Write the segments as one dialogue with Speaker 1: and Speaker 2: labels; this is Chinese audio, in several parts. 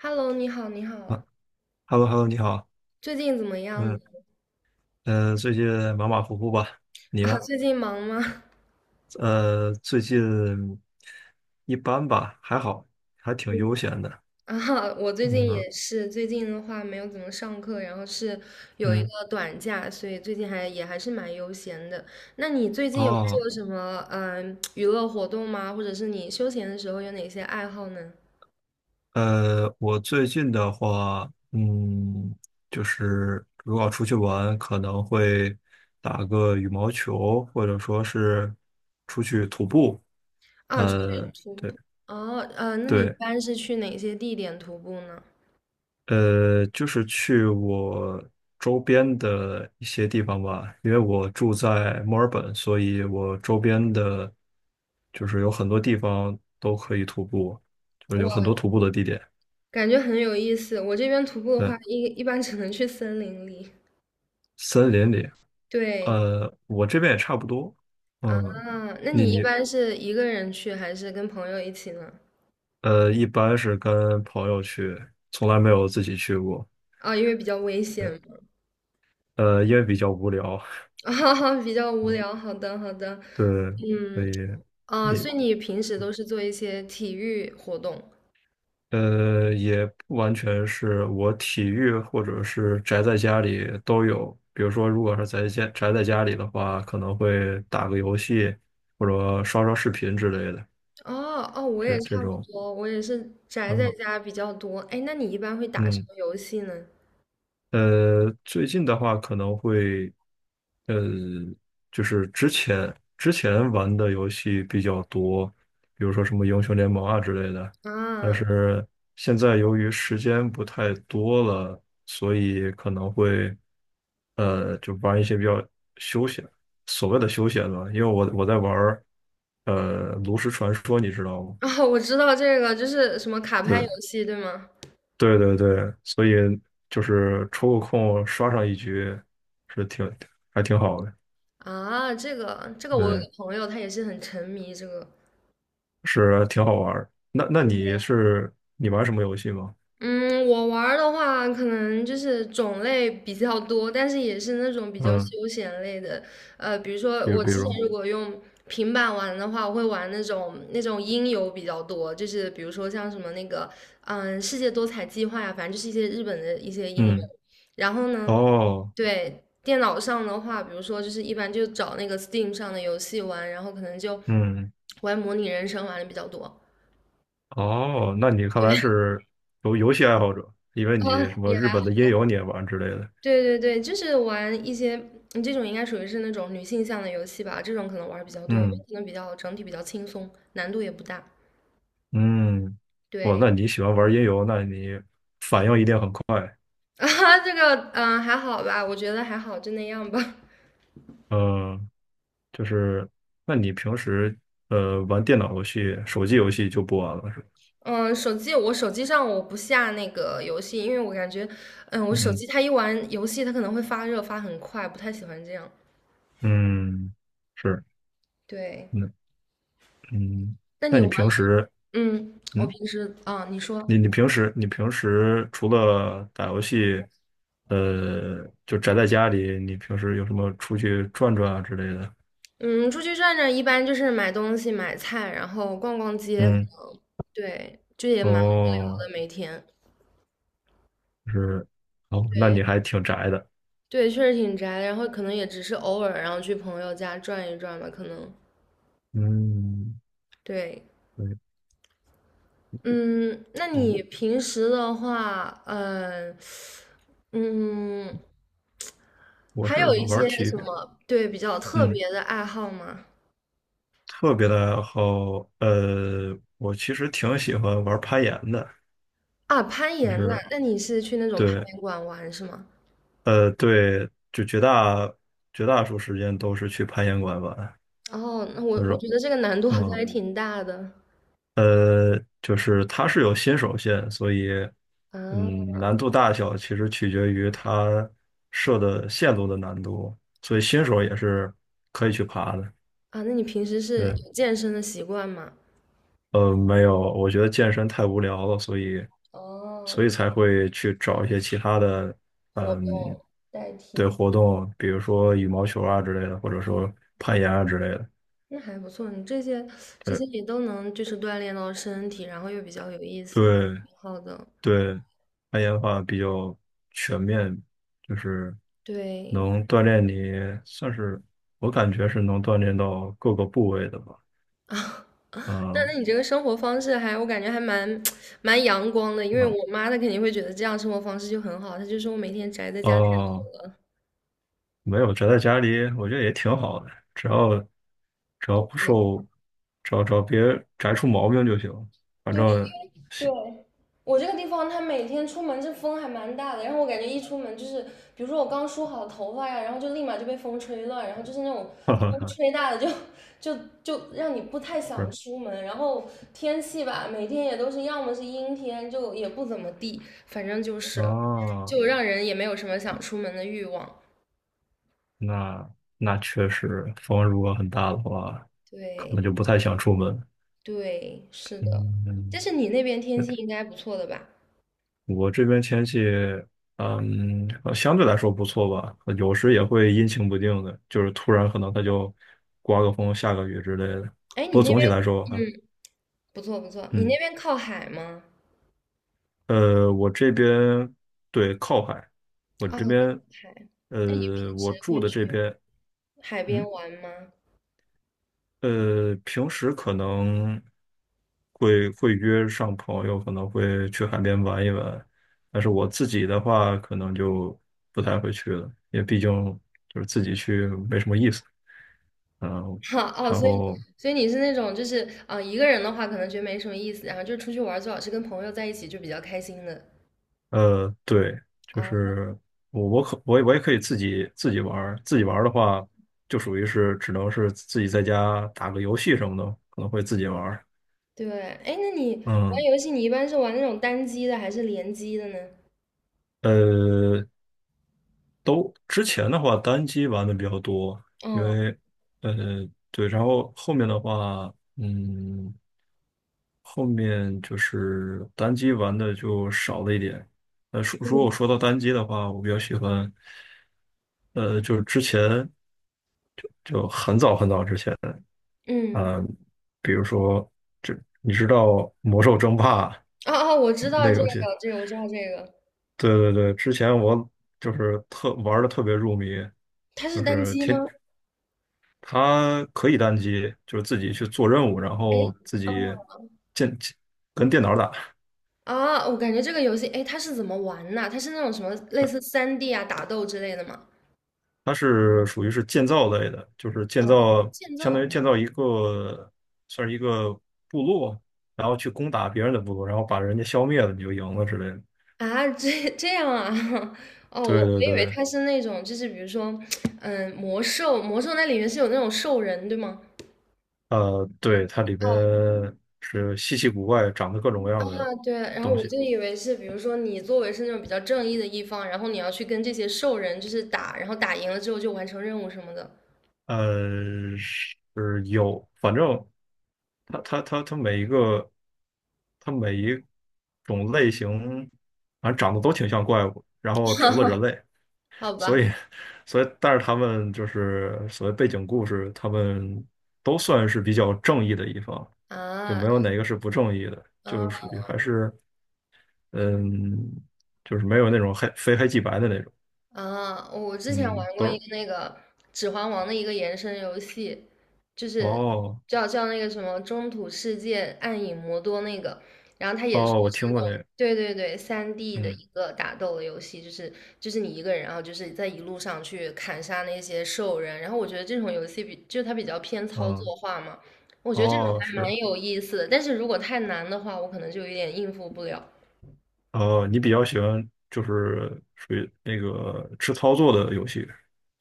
Speaker 1: Hello，你好，你
Speaker 2: 啊
Speaker 1: 好，
Speaker 2: ，Hello Hello，你好，
Speaker 1: 最近怎么样
Speaker 2: 嗯，最近马马虎虎吧？你
Speaker 1: 啊？
Speaker 2: 呢？
Speaker 1: 最近忙吗？
Speaker 2: 最近一般吧，还好，还挺悠闲的。
Speaker 1: 啊，我最近
Speaker 2: 嗯
Speaker 1: 也是，最近的话没有怎么上课，然后是有一
Speaker 2: 嗯，
Speaker 1: 个短假，所以最近还也还是蛮悠闲的。那你最近有
Speaker 2: 哦，
Speaker 1: 做什么娱乐活动吗？或者是你休闲的时候有哪些爱好呢？
Speaker 2: 我最近的话，就是如果要出去玩，可能会打个羽毛球，或者说是出去徒步。
Speaker 1: 啊，出去徒
Speaker 2: 对。
Speaker 1: 步。哦，那你一
Speaker 2: 对，
Speaker 1: 般是去哪些地点徒步呢？
Speaker 2: 就是去我周边的一些地方吧，因为我住在墨尔本，所以我周边的，就是有很多地方都可以徒步，就是有很
Speaker 1: 我
Speaker 2: 多徒步的地点。
Speaker 1: 感觉很有意思。我这边徒步的话，
Speaker 2: 嗯，
Speaker 1: 一般只能去森林里。
Speaker 2: 森林里，
Speaker 1: 对，
Speaker 2: 我这边也差不多。
Speaker 1: 啊，
Speaker 2: 嗯，
Speaker 1: 那
Speaker 2: 你
Speaker 1: 你一
Speaker 2: 你
Speaker 1: 般是一个人去还是跟朋友一起呢？
Speaker 2: 呃，一般是跟朋友去，从来没有自己去过。
Speaker 1: 啊，因为比较危险嘛，
Speaker 2: 嗯，因为比较无聊。
Speaker 1: 啊，比较无聊。好的，好的，
Speaker 2: 对，所
Speaker 1: 嗯，
Speaker 2: 以。
Speaker 1: 啊，
Speaker 2: 你。
Speaker 1: 所以你平时都是做一些体育活动？
Speaker 2: 也不完全是我体育或者是宅在家里都有。比如说，如果是宅在家里的话，可能会打个游戏，或者刷刷视频之类的，
Speaker 1: 哦，哦，我
Speaker 2: 这
Speaker 1: 也
Speaker 2: 这
Speaker 1: 差不
Speaker 2: 种。
Speaker 1: 多，我也是宅在
Speaker 2: 嗯
Speaker 1: 家比较多。哎，那你一般会打什
Speaker 2: 嗯。
Speaker 1: 么游戏呢？
Speaker 2: 最近的话可能会，呃，就是之前玩的游戏比较多，比如说什么英雄联盟啊之类的。但
Speaker 1: 啊，
Speaker 2: 是现在由于时间不太多了，所以可能会，就玩一些比较休闲，所谓的休闲吧。因为我在玩儿炉石传说，你知道吗？
Speaker 1: 哦，我知道这个，就是什么卡牌游
Speaker 2: 对。
Speaker 1: 戏，对吗？
Speaker 2: 对对对，所以就是抽个空刷上一局，是挺还挺好的，
Speaker 1: 啊，这个，这个我有
Speaker 2: 对，
Speaker 1: 个朋友，他也是很沉迷这个。
Speaker 2: 是挺好玩儿。那你玩什么游戏吗？
Speaker 1: 嗯，我玩儿的话，可能就是种类比较多，但是也是那种比较
Speaker 2: 嗯，
Speaker 1: 休闲类的。比如说
Speaker 2: 比如
Speaker 1: 我
Speaker 2: 比
Speaker 1: 之
Speaker 2: 如，
Speaker 1: 前如果用平板玩的话，我会玩那种音游比较多，就是比如说像什么那个世界多彩计划呀，反正就是一些日本的一些音游。
Speaker 2: 嗯，
Speaker 1: 然后呢，
Speaker 2: 哦，
Speaker 1: 对，电脑上的话，比如说就是一般就找那个 Steam 上的游戏玩，然后可能就
Speaker 2: 嗯，
Speaker 1: 玩模拟人生玩的比较多。
Speaker 2: 哦，那你看来是游戏爱好者，因为
Speaker 1: 啊，
Speaker 2: 你什么
Speaker 1: 也
Speaker 2: 日本的音游你也玩之类的，
Speaker 1: 对对对，就是玩一些这种应该属于是那种女性向的游戏吧，这种可能玩儿比较多，因
Speaker 2: 嗯
Speaker 1: 为可能比较整体比较轻松，难度也不大。
Speaker 2: 嗯，哇，
Speaker 1: 对
Speaker 2: 那你喜欢玩音游，那你反应一定很快，
Speaker 1: 啊，这个还好吧，我觉得还好，就那样吧。
Speaker 2: 嗯。就是，那你平时玩电脑游戏、手机游戏就不玩了是吧？
Speaker 1: 嗯，手机上我不下那个游戏，因为我感觉，嗯，我手
Speaker 2: 嗯
Speaker 1: 机它一玩游戏它可能会发热发很快，不太喜欢这样。
Speaker 2: 嗯，是，
Speaker 1: 对，
Speaker 2: 那，嗯，
Speaker 1: 那
Speaker 2: 那
Speaker 1: 你
Speaker 2: 你
Speaker 1: 玩，
Speaker 2: 平时
Speaker 1: 嗯，我
Speaker 2: 嗯，
Speaker 1: 平时啊，你
Speaker 2: 你
Speaker 1: 说。
Speaker 2: 你平时你平时除了打游戏，就宅在家里，你平时有什么出去转转啊之类的？
Speaker 1: 嗯，出去转转一般就是买东西、买菜，然后逛逛街，
Speaker 2: 嗯，
Speaker 1: 对，就也蛮无聊
Speaker 2: 哦，
Speaker 1: 的，每天。
Speaker 2: 是，哦，那
Speaker 1: 对
Speaker 2: 你还挺宅的。
Speaker 1: 对，确实挺宅的。然后可能也只是偶尔，然后去朋友家转一转吧，可能。
Speaker 2: 嗯，
Speaker 1: 对，
Speaker 2: 对，
Speaker 1: 嗯，那
Speaker 2: 嗯，
Speaker 1: 你平时的话，嗯，
Speaker 2: 我
Speaker 1: 还
Speaker 2: 是
Speaker 1: 有一
Speaker 2: 玩
Speaker 1: 些
Speaker 2: 体
Speaker 1: 什
Speaker 2: 育，
Speaker 1: 么对比较特
Speaker 2: 嗯。
Speaker 1: 别的爱好吗？
Speaker 2: 特别的好，我其实挺喜欢玩攀岩的，
Speaker 1: 啊，攀
Speaker 2: 就
Speaker 1: 岩呐，
Speaker 2: 是
Speaker 1: 那你是去那种攀
Speaker 2: 对，
Speaker 1: 岩馆玩是吗？
Speaker 2: 对，就绝大多数时间都是去攀岩馆玩，
Speaker 1: 哦，那我
Speaker 2: 就是
Speaker 1: 我觉得这个难度好像
Speaker 2: 嗯，
Speaker 1: 还挺大的
Speaker 2: 就是它是有新手线，所以
Speaker 1: 啊
Speaker 2: 难度大小其实取决于它设的线路的难度，所以新手也是可以去爬的，
Speaker 1: 啊！那你平时是
Speaker 2: 对，
Speaker 1: 有健身的习惯吗？
Speaker 2: 没有，我觉得健身太无聊了，所以
Speaker 1: 哦，
Speaker 2: 所以才会去找一些其他的，
Speaker 1: 活
Speaker 2: 嗯，
Speaker 1: 动代
Speaker 2: 对
Speaker 1: 替。
Speaker 2: 活动，比如说羽毛球啊之类的，或者说攀岩啊之类的。
Speaker 1: 那还不错，你这些
Speaker 2: 对
Speaker 1: 也都能就是锻炼到身体，然后又比较有意思，
Speaker 2: 对
Speaker 1: 挺好的。
Speaker 2: 对，攀岩的话比较全面，就是
Speaker 1: 对
Speaker 2: 能锻炼你，算是我感觉是能锻炼到各个部位的吧。
Speaker 1: 啊，那那
Speaker 2: 嗯，
Speaker 1: 你这个生活方式还我感觉还蛮 蛮阳光的，因为我
Speaker 2: 啊，
Speaker 1: 妈她肯定会觉得这样生活方式就很好，她就说我每天宅在家太
Speaker 2: 哦。
Speaker 1: 多了。
Speaker 2: 没有，宅在家里，我觉得也挺好的，只要不受，只要别宅出毛病就行。反
Speaker 1: 对。
Speaker 2: 正，
Speaker 1: 对，我这个地方，它每天出门这风还蛮大的，然后我感觉一出门就是，比如说我刚梳好头发呀，然后就立马就被风吹乱，然后就是那种
Speaker 2: 哈哈
Speaker 1: 风
Speaker 2: 哈，
Speaker 1: 吹大的就让你不太想
Speaker 2: 是
Speaker 1: 出门，然后天气吧，每天也都是要么是阴天，就也不怎么地，反正就是
Speaker 2: 啊，
Speaker 1: 就让人也没有什么想出门的欲望。
Speaker 2: 那那确实，风如果很大的话，可能
Speaker 1: 对
Speaker 2: 就不太想出门。
Speaker 1: 对，是的，
Speaker 2: 嗯，
Speaker 1: 但是你那边天气应该不错的吧？
Speaker 2: 我这边天气，相对来说不错吧，有时也会阴晴不定的，就是突然可能它就刮个风、下个雨之类的。
Speaker 1: 哎，
Speaker 2: 不
Speaker 1: 你
Speaker 2: 过
Speaker 1: 那
Speaker 2: 总体来
Speaker 1: 边
Speaker 2: 说，啊，
Speaker 1: 不错不错，你那
Speaker 2: 嗯。
Speaker 1: 边靠海吗？
Speaker 2: 我这边对靠海，我
Speaker 1: 啊，
Speaker 2: 这边
Speaker 1: 海那你平
Speaker 2: 我
Speaker 1: 时
Speaker 2: 住
Speaker 1: 会
Speaker 2: 的
Speaker 1: 去？
Speaker 2: 这边，
Speaker 1: 海边
Speaker 2: 嗯，
Speaker 1: 玩吗？
Speaker 2: 平时可能会约上朋友，可能会去海边玩一玩，但是我自己的话，可能就不太会去了，因为毕竟就是自己去没什么意思，嗯，
Speaker 1: 哈哦，
Speaker 2: 然
Speaker 1: 所以
Speaker 2: 后
Speaker 1: 所以你是那种就是一个人的话可能觉得没什么意思，然后就是出去玩儿最好是跟朋友在一起就比较开心的。
Speaker 2: 对，就
Speaker 1: 啊，
Speaker 2: 是我也可以自己玩儿，自己玩儿的话，就属于是只能是自己在家打个游戏什么的，可能会自己玩儿
Speaker 1: 对，哎，那你玩
Speaker 2: 嗯，
Speaker 1: 游戏你一般是玩那种单机的还是联机的呢？
Speaker 2: 呃，都之前的话单机玩的比较多，因
Speaker 1: 嗯
Speaker 2: 为呃对，然后后面的话，后面就是单机玩的就少了一点。如果
Speaker 1: 嗯，
Speaker 2: 说到单机的话，我比较喜欢，就是之前。就很早很早之前，
Speaker 1: 嗯，
Speaker 2: 嗯，比如说，你知道《魔兽争霸》
Speaker 1: 哦哦，我知道
Speaker 2: 那
Speaker 1: 这
Speaker 2: 个
Speaker 1: 个，
Speaker 2: 游戏？
Speaker 1: 这个我知道这个，
Speaker 2: 对对对，之前我就是特玩的特别入迷，
Speaker 1: 它是
Speaker 2: 就
Speaker 1: 单
Speaker 2: 是
Speaker 1: 机吗？
Speaker 2: 天，它可以单机，就是自己去做任务，然
Speaker 1: 哎，
Speaker 2: 后自己建跟电脑打。
Speaker 1: 啊，我感觉这个游戏，哎，它是怎么玩呐？它是那种什么类似三 d 啊打斗之类的吗？
Speaker 2: 它是属于是建造类的，就是建
Speaker 1: 啊，
Speaker 2: 造，
Speaker 1: 建
Speaker 2: 相当
Speaker 1: 造
Speaker 2: 于建造一个算是一个部落，然后去攻打别人的部落，然后把人家消灭了，你就赢了之类的。
Speaker 1: 啊，这样啊？哦，我
Speaker 2: 对
Speaker 1: 我
Speaker 2: 对
Speaker 1: 以为
Speaker 2: 对，
Speaker 1: 他是那种，就是比如说，嗯，魔兽，魔兽那里面是有那种兽人，对吗？
Speaker 2: 对，它里边
Speaker 1: 哦，
Speaker 2: 是稀奇古怪，长得各种各样的
Speaker 1: 啊，对，然后
Speaker 2: 东
Speaker 1: 我
Speaker 2: 西。
Speaker 1: 就以为是，比如说你作为是那种比较正义的一方，然后你要去跟这些兽人就是打，然后打赢了之后就完成任务什么的，
Speaker 2: 是有，反正它每一个，它每一种类型，反正长得都挺像怪物。然后除了人类，
Speaker 1: 好
Speaker 2: 所
Speaker 1: 吧？
Speaker 2: 以所以，但是他们就是所谓背景故事，他们都算是比较正义的一方，就
Speaker 1: 啊，
Speaker 2: 没有哪个是不正义的，就是
Speaker 1: 嗯。
Speaker 2: 属于还是。嗯，就是没有那种非黑即白的那种，
Speaker 1: 啊，我之前
Speaker 2: 嗯，
Speaker 1: 玩过
Speaker 2: 都
Speaker 1: 一
Speaker 2: 是，
Speaker 1: 个那个《指环王》的一个延伸游戏，就是
Speaker 2: 哦
Speaker 1: 叫那个什么《中土世界：暗影魔多》那个，然后它也是就
Speaker 2: 哦，我
Speaker 1: 是
Speaker 2: 听
Speaker 1: 那
Speaker 2: 过那
Speaker 1: 种
Speaker 2: 个，
Speaker 1: 对对对三 d 的
Speaker 2: 嗯
Speaker 1: 一个打斗的游戏，就是就是你一个人，然后就是在一路上去砍杀那些兽人，然后我觉得这种游戏比就它比较偏操
Speaker 2: 嗯，
Speaker 1: 作化嘛，我觉得这种
Speaker 2: 哦
Speaker 1: 还蛮
Speaker 2: 是，
Speaker 1: 有意思的，但是如果太难的话，我可能就有点应付不了。
Speaker 2: 哦，你比较喜欢就是属于那个吃操作的游戏，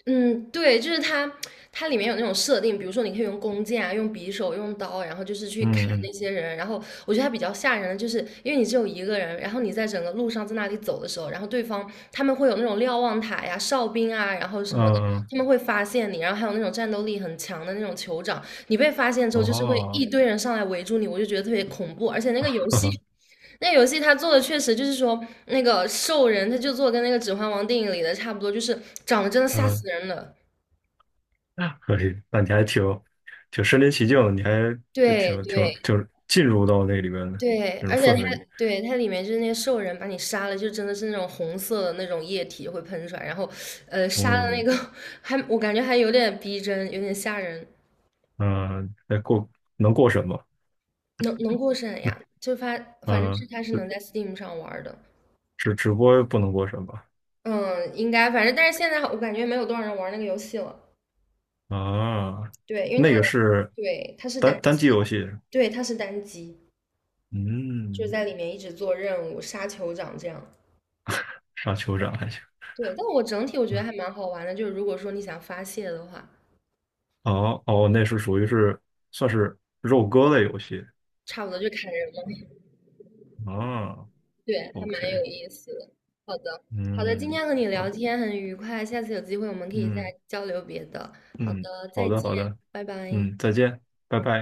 Speaker 1: 嗯，对，就是它，它里面有那种设定，比如说你可以用弓箭啊，用匕首，用刀，然后就是去砍那
Speaker 2: 嗯
Speaker 1: 些人。然后我觉得它比较吓人的，就是因为你只有一个人，然后你在整个路上在那里走的时候，然后对方他们会有那种瞭望塔呀、哨兵啊，然后什么的，
Speaker 2: 嗯嗯，
Speaker 1: 他们会发现你，然后还有那种战斗力很强的那种酋长，你被发现之后，就是会
Speaker 2: 哦，
Speaker 1: 一堆人上来围住你，我就觉得特别恐怖。而且那个游
Speaker 2: 呵
Speaker 1: 戏
Speaker 2: 呵，
Speaker 1: 那游戏它做的确实就是说，那个兽人他就做跟那个《指环王》电影里的差不多，就是长得真的吓
Speaker 2: 嗯，
Speaker 1: 死人了。
Speaker 2: 可以，那你还挺身临其境的，你还就
Speaker 1: 对
Speaker 2: 挺
Speaker 1: 对
Speaker 2: 就是进入到那里边的
Speaker 1: 对，
Speaker 2: 那种
Speaker 1: 而且
Speaker 2: 氛
Speaker 1: 它
Speaker 2: 围里，
Speaker 1: 对它里面就是那个兽人把你杀了，就真的是那种红色的那种液体会喷出来，然后杀的
Speaker 2: 哦，
Speaker 1: 那个 还我感觉还有点逼真，有点吓人，
Speaker 2: 嗯，那能过审吗？
Speaker 1: 能过审呀？就发反正
Speaker 2: 嗯，
Speaker 1: 是它是能在 Steam 上玩儿的，
Speaker 2: 直播不能过审吧？
Speaker 1: 嗯，应该反正但是现在我感觉没有多少人玩那个游戏了。
Speaker 2: 啊，
Speaker 1: 对，因为
Speaker 2: 那
Speaker 1: 它
Speaker 2: 个是
Speaker 1: 对它是
Speaker 2: 单
Speaker 1: 单
Speaker 2: 单
Speaker 1: 机，
Speaker 2: 机游戏，
Speaker 1: 对它是单机，就是
Speaker 2: 嗯，
Speaker 1: 在里面一直做任务、杀酋长这样。
Speaker 2: 杀酋长还行。
Speaker 1: 对，但我整体我觉得还蛮好玩的，就是如果说你想发泄的话，
Speaker 2: 哦哦，那是属于是算是肉鸽类游戏
Speaker 1: 差不多就砍人嘛。
Speaker 2: 啊。
Speaker 1: 对，还蛮
Speaker 2: OK，
Speaker 1: 有意思的。好的，好的，今
Speaker 2: 嗯，
Speaker 1: 天和你聊
Speaker 2: 啊，
Speaker 1: 天很愉快，下次有机会我们可以再
Speaker 2: 嗯
Speaker 1: 交流别的。好
Speaker 2: 嗯，
Speaker 1: 的，
Speaker 2: 好
Speaker 1: 再
Speaker 2: 的
Speaker 1: 见，
Speaker 2: 好的，
Speaker 1: 拜拜。
Speaker 2: 嗯，再见，拜拜。